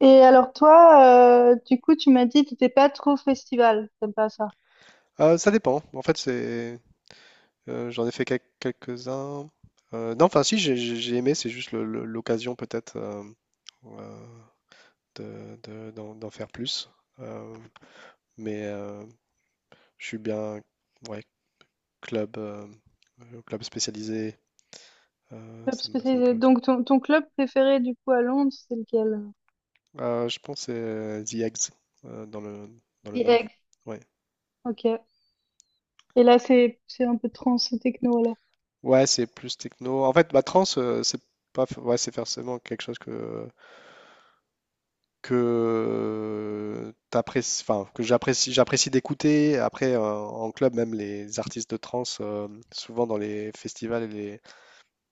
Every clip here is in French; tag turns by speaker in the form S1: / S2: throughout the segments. S1: Et alors toi, du coup, tu m'as dit que t'étais pas trop festival, t'aimes pas ça.
S2: Ça dépend. En fait, j'en ai fait quelques-uns. Non, enfin, si, j'ai aimé, c'est juste l'occasion peut-être euh, d'en faire plus. Euh, mais je suis bien, ouais, club, club spécialisé,
S1: Club
S2: ça me
S1: spécialisé.
S2: plaît aussi.
S1: Donc ton club préféré du coup à Londres, c'est lequel?
S2: Je pense que c'est The Eggs, euh, dans le, dans le
S1: The
S2: Nord.
S1: Egg.
S2: Ouais,
S1: Ok. Et là, c'est un peu trans et techno alors.
S2: ouais, c'est plus techno. En fait, ma trance, c'est pas, f- ouais, c'est forcément quelque chose que t'apprécies, enfin, que j'apprécie d'écouter. Après, en club, même les artistes de trance, souvent dans les festivals et les,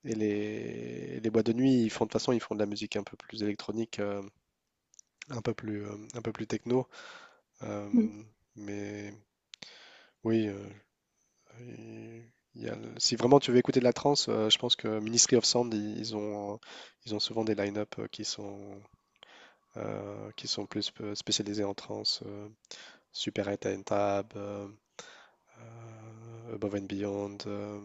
S2: et les, et les boîtes de nuit, ils font de toute façon, ils font de la musique un peu plus électronique, un peu plus techno.
S1: Mhm.
S2: Euh, mais oui, il- il y a si vraiment tu veux écouter de la trance, je pense que Ministry of Sound, ils ont souvent des line-up, qui sont plus spécialisés en trance. Super 8 and Tab, Above and Beyond.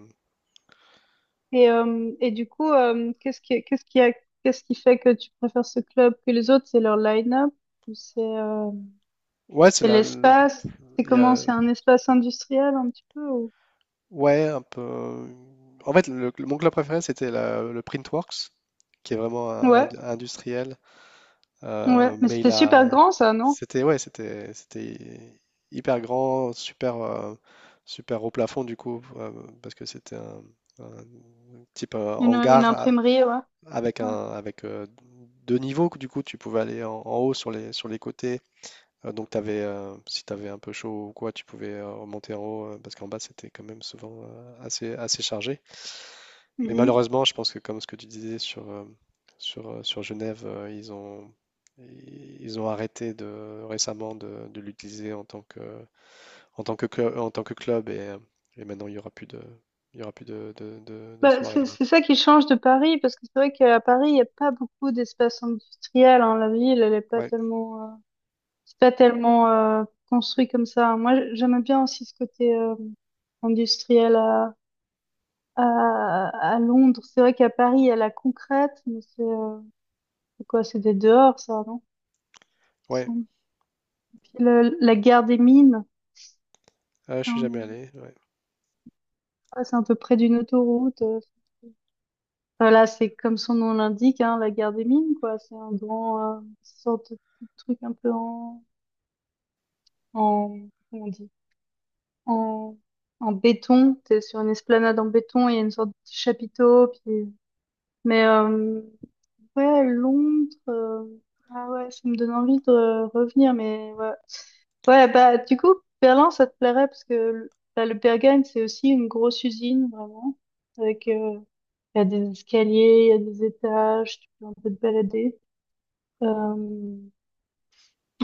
S1: Et du coup, qu'est-ce qui fait que tu préfères ce club que les autres? C'est leur line-up ou c'est euh,
S2: Ouais, c'est
S1: c'est
S2: là.
S1: l'espace? C'est
S2: Il y
S1: comment?
S2: a...
S1: C'est un espace industriel un petit peu
S2: Ouais, un peu. En fait, mon club préféré, c'était le Printworks, qui est vraiment
S1: Ouais,
S2: industriel.
S1: ouais. Mais
S2: Mais il
S1: c'était super
S2: a.
S1: grand ça, non?
S2: C'était, ouais, c'était hyper grand, super, super haut plafond, du coup, parce que c'était un type
S1: Une imprimerie, ouais.
S2: avec avec deux niveaux. Du coup, tu pouvais aller en haut sur sur les côtés. Donc si tu avais un peu chaud ou quoi, tu pouvais remonter en haut, parce qu'en bas c'était quand même souvent assez chargé. Mais
S1: Ouais.
S2: malheureusement, je pense que comme ce que tu disais sur Genève, ils ont arrêté récemment de l'utiliser en tant que club et maintenant il y aura plus de
S1: Bah,
S2: soirée
S1: c'est
S2: là-bas.
S1: c'est ça qui change de Paris, parce que c'est vrai qu'à Paris, il n'y a pas beaucoup d'espace industriel, hein. La ville, elle n'est pas
S2: Ouais,
S1: tellement, c'est pas tellement construit comme ça. Moi, j'aime bien aussi ce côté industriel à Londres. C'est vrai qu'à Paris, il y a la concrète, mais c'est quoi? C'est des dehors, ça, non? Il
S2: ouais,
S1: me semble. Puis la gare des mines,
S2: je
S1: quand
S2: suis jamais
S1: on
S2: allé. Ouais.
S1: passe un peu près d'une autoroute. Enfin, là, c'est comme son nom l'indique, hein, la guerre des mines, quoi. C'est un grand, sorte de petit truc un peu en, comment on dit, en, béton. T'es sur une esplanade en béton, il y a une sorte de petit chapiteau, puis, mais, ouais, Londres, ah ouais, ça me donne envie de revenir, mais ouais. Ouais, bah, du coup, Berlin, ça te plairait, parce que bah, le Berghain, c'est aussi une grosse usine, vraiment, avec, il y a des escaliers, il y a des étages, tu peux un peu te balader. Euh,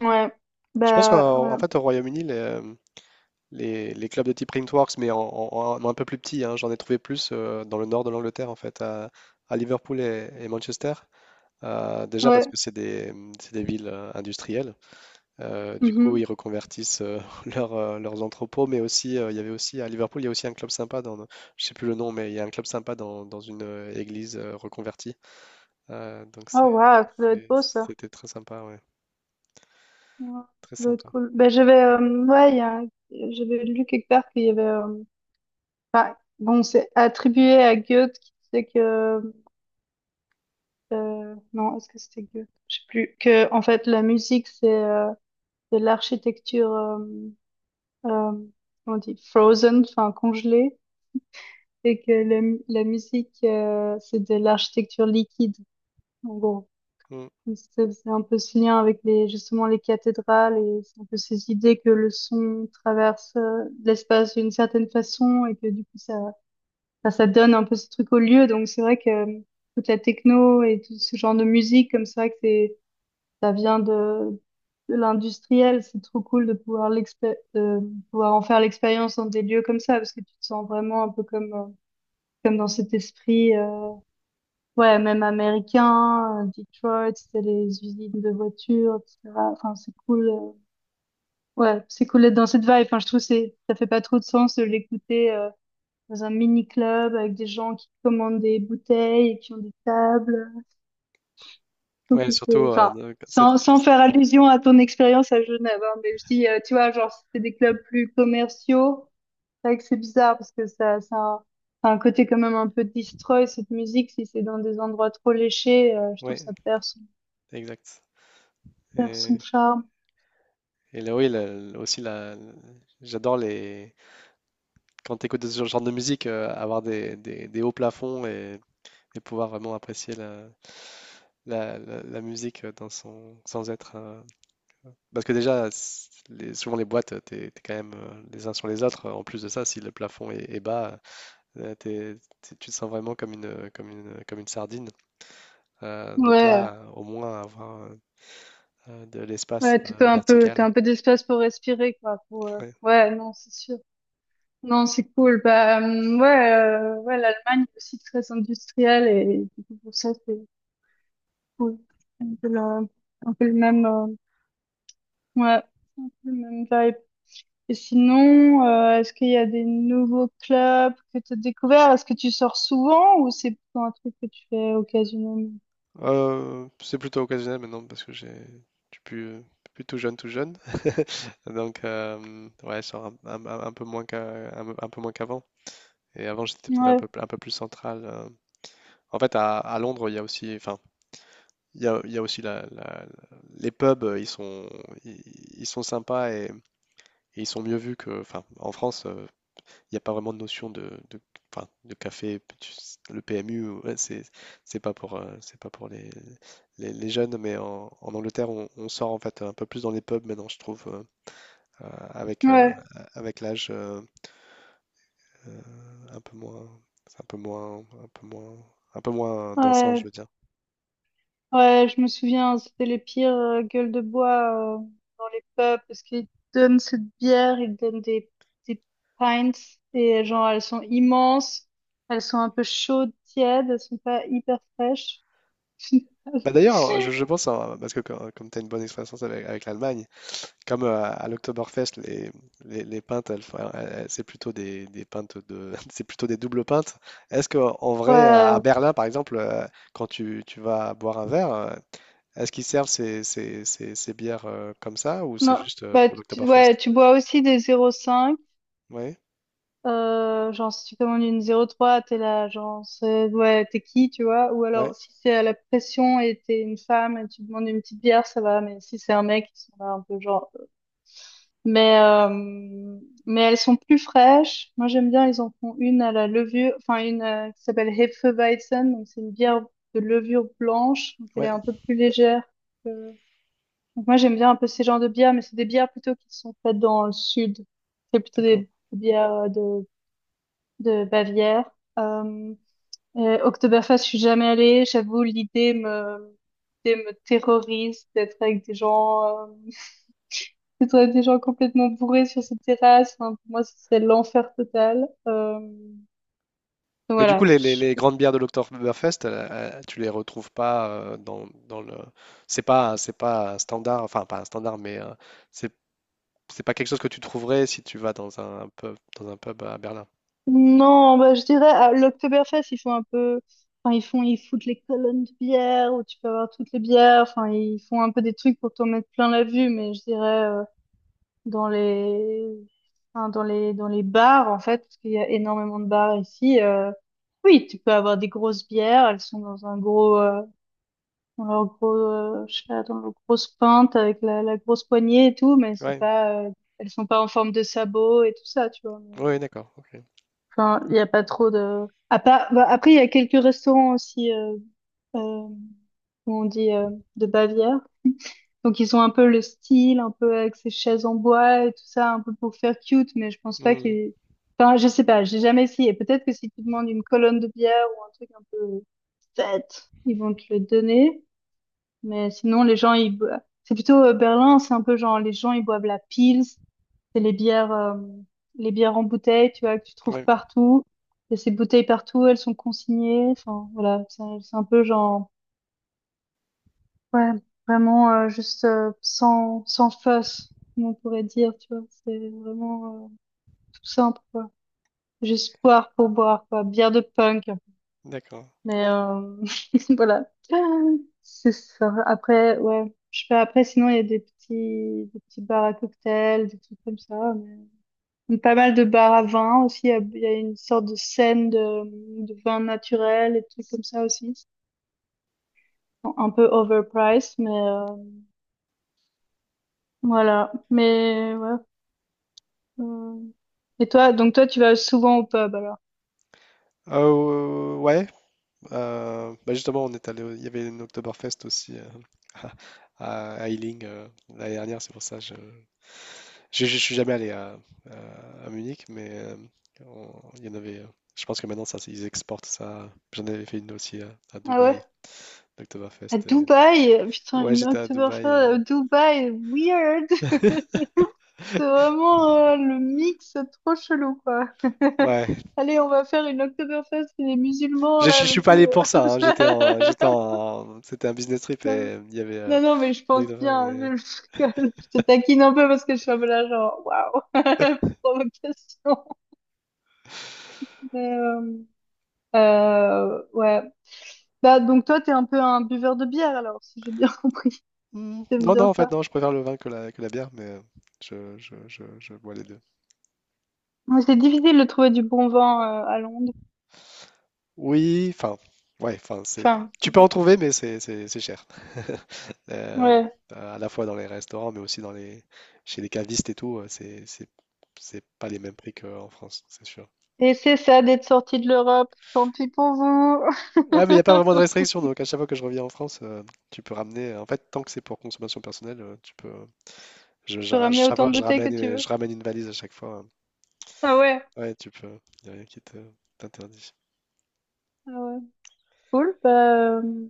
S1: Ouais,
S2: Je pense
S1: bah
S2: qu'en
S1: ouais,
S2: en fait au Royaume-Uni, les clubs de type Printworks, mais en un peu plus petit, hein. J'en ai trouvé plus dans le nord de l'Angleterre, en fait, à Liverpool et Manchester. Déjà parce
S1: ouais.
S2: que c'est des villes industrielles. Du coup,
S1: Mhm.
S2: ils reconvertissent leurs entrepôts, mais aussi, il y avait aussi à Liverpool, il y a aussi un club sympa je sais plus le nom, mais il y a un club sympa dans une église reconvertie. Donc
S1: Oh waouh, ça doit être beau ça.
S2: c'était très sympa, ouais,
S1: Ouais, ça
S2: très
S1: doit être
S2: sympa.
S1: cool. Bah j'avais, ouais, j'avais lu quelque part qu'il y avait, enfin, bon, c'est attribué à Goethe qui disait que, non, est-ce que c'était Goethe? Je sais plus. Que en fait la musique c'est de l'architecture, euh, comment on dit, frozen, enfin congelée, et que la musique c'est de l'architecture liquide. En gros.
S2: Mm.
S1: C'est un peu ce lien avec les, justement les cathédrales et c'est un peu ces idées que le son traverse l'espace d'une certaine façon et que du coup ça donne un peu ce truc au lieu. Donc c'est vrai que toute la techno et tout ce genre de musique, comme c'est vrai que c'est, ça vient de, l'industriel, c'est trop cool de pouvoir de pouvoir en faire l'expérience dans des lieux comme ça parce que tu te sens vraiment un peu comme, comme dans cet esprit. Ouais, même américain, Detroit, c'était les usines de voitures, etc. Enfin, c'est cool. Ouais, c'est cool d'être dans cette vibe. Enfin, je trouve que c'est, ça fait pas trop de sens de l'écouter dans un mini club avec des gens qui commandent des bouteilles et qui ont des tables. Je trouve
S2: Ouais,
S1: que
S2: surtout,
S1: c'est, enfin, sans faire allusion à ton expérience à Genève, hein, mais je dis, tu vois, genre, c'était des clubs plus commerciaux. C'est vrai que c'est bizarre parce que ça, a un côté quand même un peu destroy cette musique si c'est dans des endroits trop léchés. Je trouve
S2: ouais,
S1: que ça perd
S2: exact.
S1: perd son
S2: Et
S1: charme.
S2: Et là, oui, aussi, j'adore les... quand tu écoutes ce genre de musique, avoir des hauts plafonds et pouvoir vraiment apprécier la musique dans son... sans être... parce que déjà, souvent les boîtes, t'es quand même les uns sur les autres. En plus de ça, si le plafond est bas, tu te sens vraiment comme une sardine. Donc
S1: Ouais,
S2: là, au moins, avoir de l'espace
S1: ouais, tu peux un peu, t'as
S2: vertical.
S1: un peu d'espace pour respirer, quoi.
S2: Ouais.
S1: Ouais, non, c'est sûr. Non, c'est cool. Bah, ouais, ouais, l'Allemagne est aussi très industrielle et du coup, pour ça, c'est cool. Un peu le même, ouais, un peu le même vibe. Et sinon, est-ce qu'il y a des nouveaux clubs que tu as découverts? Est-ce que tu sors souvent ou c'est plutôt un truc que tu fais occasionnellement?
S2: C'est plutôt occasionnel maintenant parce que j'ai je suis plus, plus tout jeune, tout jeune. Donc ouais, je sors un peu moins qu'à un peu moins qu'avant, et avant, j'étais peut-être
S1: Ouais,
S2: un peu plus central. En fait, à Londres, il y a aussi enfin, il y a aussi la les pubs, ils ils sont sympas et ils sont mieux vus que enfin, en France, il n'y a pas vraiment de notion de, enfin, de café. Le PMU, ouais, c'est pas pour les jeunes, mais en Angleterre, on sort en fait un peu plus dans les pubs maintenant, je trouve, euh, avec, euh,
S1: ouais,
S2: avec l'âge, euh, un peu moins, c'est un peu moins, un peu moins, un peu moins dansant,
S1: ouais,
S2: je veux dire.
S1: ouais, je me souviens, c'était les pires gueules de bois dans les pubs parce qu'ils donnent cette bière, ils donnent des pints et genre elles sont immenses, elles sont un peu chaudes, tièdes, elles sont pas hyper fraîches.
S2: Bah d'ailleurs, je pense, hein, parce que comme, tu as une bonne expérience avec l'Allemagne. Comme à l'Oktoberfest, les pintes, c'est plutôt des pintes de, c'est plutôt des doubles pintes. Est-ce que en vrai, à
S1: Ouais,
S2: Berlin, par exemple, quand tu vas boire un verre, est-ce qu'ils servent ces bières, comme ça, ou c'est
S1: non,
S2: juste
S1: bah
S2: pour
S1: tu, ouais,
S2: l'Oktoberfest?
S1: tu bois aussi des 0,5,
S2: Oui,
S1: genre si tu commandes une 0,3 t'es là, genre ouais, t'es qui, tu vois? Ou
S2: ouais,
S1: alors si c'est à la pression et t'es une femme et tu demandes une petite bière, ça va, mais si c'est un mec, ils sont là un peu genre. Mais, euh, mais elles sont plus fraîches. Moi, j'aime bien, ils en font une à la levure, enfin une qui s'appelle Hefeweizen. Donc, c'est une bière de levure blanche. Donc, elle est
S2: ouais,
S1: un peu plus légère. que- Donc, moi, j'aime bien un peu ces genres de bières, mais c'est des bières plutôt qui sont faites dans le sud. C'est plutôt
S2: d'accord.
S1: des bières de, Bavière. Euh, et Oktoberfest, je suis jamais allée. J'avoue, l'idée me terrorise d'être avec des gens. euh, plutôt à des gens complètement bourrés sur cette terrasse. Enfin, pour moi, c'est l'enfer total. Euh,
S2: Mais du coup,
S1: voilà.
S2: les grandes bières de l'Oktoberfest, tu les retrouves pas dans le. C'est pas un standard, enfin pas un standard, mais c'est c'est pas quelque chose que tu trouverais si tu vas dans un pub à Berlin?
S1: Non, bah, je dirais, à l'Oktoberfest, ils font un peu, enfin, ils font, ils foutent les colonnes de bière où tu peux avoir toutes les bières. Enfin, ils font un peu des trucs pour t'en mettre plein la vue, mais je dirais, dans les, enfin, dans les bars, en fait, parce qu'il y a énormément de bars ici, oui, tu peux avoir des grosses bières, elles sont dans un gros, dans leur gros, je sais pas, dans leur grosse pinte avec la grosse poignée et tout, mais c'est
S2: Ouais.
S1: pas, elles sont pas en forme de sabots et tout ça, tu vois.
S2: Ouais, d'accord, OK.
S1: Enfin, il y a pas trop de. Bah, après, il y a quelques restaurants aussi, euh, où on dit de Bavière. Donc ils ont un peu le style, un peu avec ces chaises en bois et tout ça, un peu pour faire cute, mais je pense pas que.
S2: Mmh.
S1: Enfin, je sais pas, j'ai jamais essayé. Peut-être que si tu demandes une colonne de bière ou un truc un peu fête, ils vont te le donner. Mais sinon, les gens, ils... c'est plutôt Berlin, c'est un peu genre les gens, ils boivent la Pils, c'est les bières, euh, les bières en bouteille, tu vois, que tu trouves
S2: Ouais,
S1: partout. Il y a ces bouteilles partout, elles sont consignées. Enfin, voilà, c'est un peu genre, ouais, vraiment juste sans fuss, comme on pourrait dire, tu vois. C'est vraiment tout simple, quoi. Juste boire pour boire, quoi. Bière de punk.
S2: d'accord.
S1: Mais voilà. C'est ça. Après, ouais. Je fais après, sinon, il y a des petits bars à cocktails, des trucs comme ça. Pas mal de bars à vin aussi. Il y a une sorte de scène de, vin naturel et trucs comme ça aussi. Bon, un peu overpriced, mais voilà. Mais ouais. euh. Et toi, donc toi, tu vas souvent au pub alors?
S2: Ouais, bah, justement, on est allé au il y avait une Oktoberfest aussi, à Ealing, l'année dernière. C'est pour ça je suis jamais allé à Munich, mais on il y en avait, je pense que maintenant ça ils exportent ça. J'en avais fait une aussi à
S1: Ah
S2: Dubaï,
S1: ouais? À
S2: l'Oktoberfest. Et
S1: Dubaï? Putain,
S2: ouais,
S1: une
S2: j'étais à
S1: Oktoberfest
S2: Dubaï et
S1: à Dubaï, weird! C'est vraiment le mix trop chelou, quoi.
S2: ouais.
S1: Allez, on va faire une Oktoberfest et les musulmans, là,
S2: Je suis pas
S1: vas-y.
S2: allé pour ça, hein. C'était un business trip
S1: Non,
S2: et il y avait
S1: non, non, mais je
S2: une
S1: pense
S2: anecdote,
S1: bien.
S2: mais-
S1: Je rigole. Je te taquine un peu parce que je suis un peu là, genre, waouh, provocation. Mais, ouais. Bah, donc, toi, t'es un peu un buveur de bière, alors, si j'ai bien compris.
S2: Hmm,
S1: T'aimes
S2: non, non,
S1: bien
S2: en fait,
S1: ça.
S2: non, je préfère le vin que que la bière, mais je bois les deux.
S1: Ouais, c'est difficile de trouver du bon vin à Londres.
S2: Oui, enfin, ouais, enfin,
S1: Enfin,
S2: tu peux en trouver, mais c'est cher.
S1: ouais.
S2: À la fois dans les restaurants, mais aussi chez les cavistes et tout, c'est pas les mêmes prix qu'en France, c'est sûr.
S1: Et c'est ça d'être sorti de l'Europe. Tant pis pour vous.
S2: Ouais, mais il n'y a pas vraiment de restriction, donc à chaque fois que je reviens en France, tu peux ramener, en fait, tant que c'est pour consommation personnelle, tu peux.
S1: Tu peux ramener
S2: Chaque
S1: autant
S2: fois,
S1: de bouteilles que tu
S2: je
S1: veux.
S2: ramène une valise à chaque fois, hein.
S1: Ah ouais.
S2: Ouais, tu peux. Il n'y a rien t'interdit.
S1: Ah ouais. Cool. Bah, euh,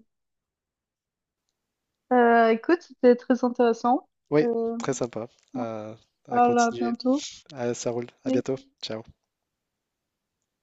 S1: écoute, c'était très intéressant.
S2: Oui,
S1: Euh,
S2: très sympa
S1: on se
S2: à à
S1: parle à
S2: continuer.
S1: bientôt.
S2: Ah, ça roule. À bientôt. Ciao.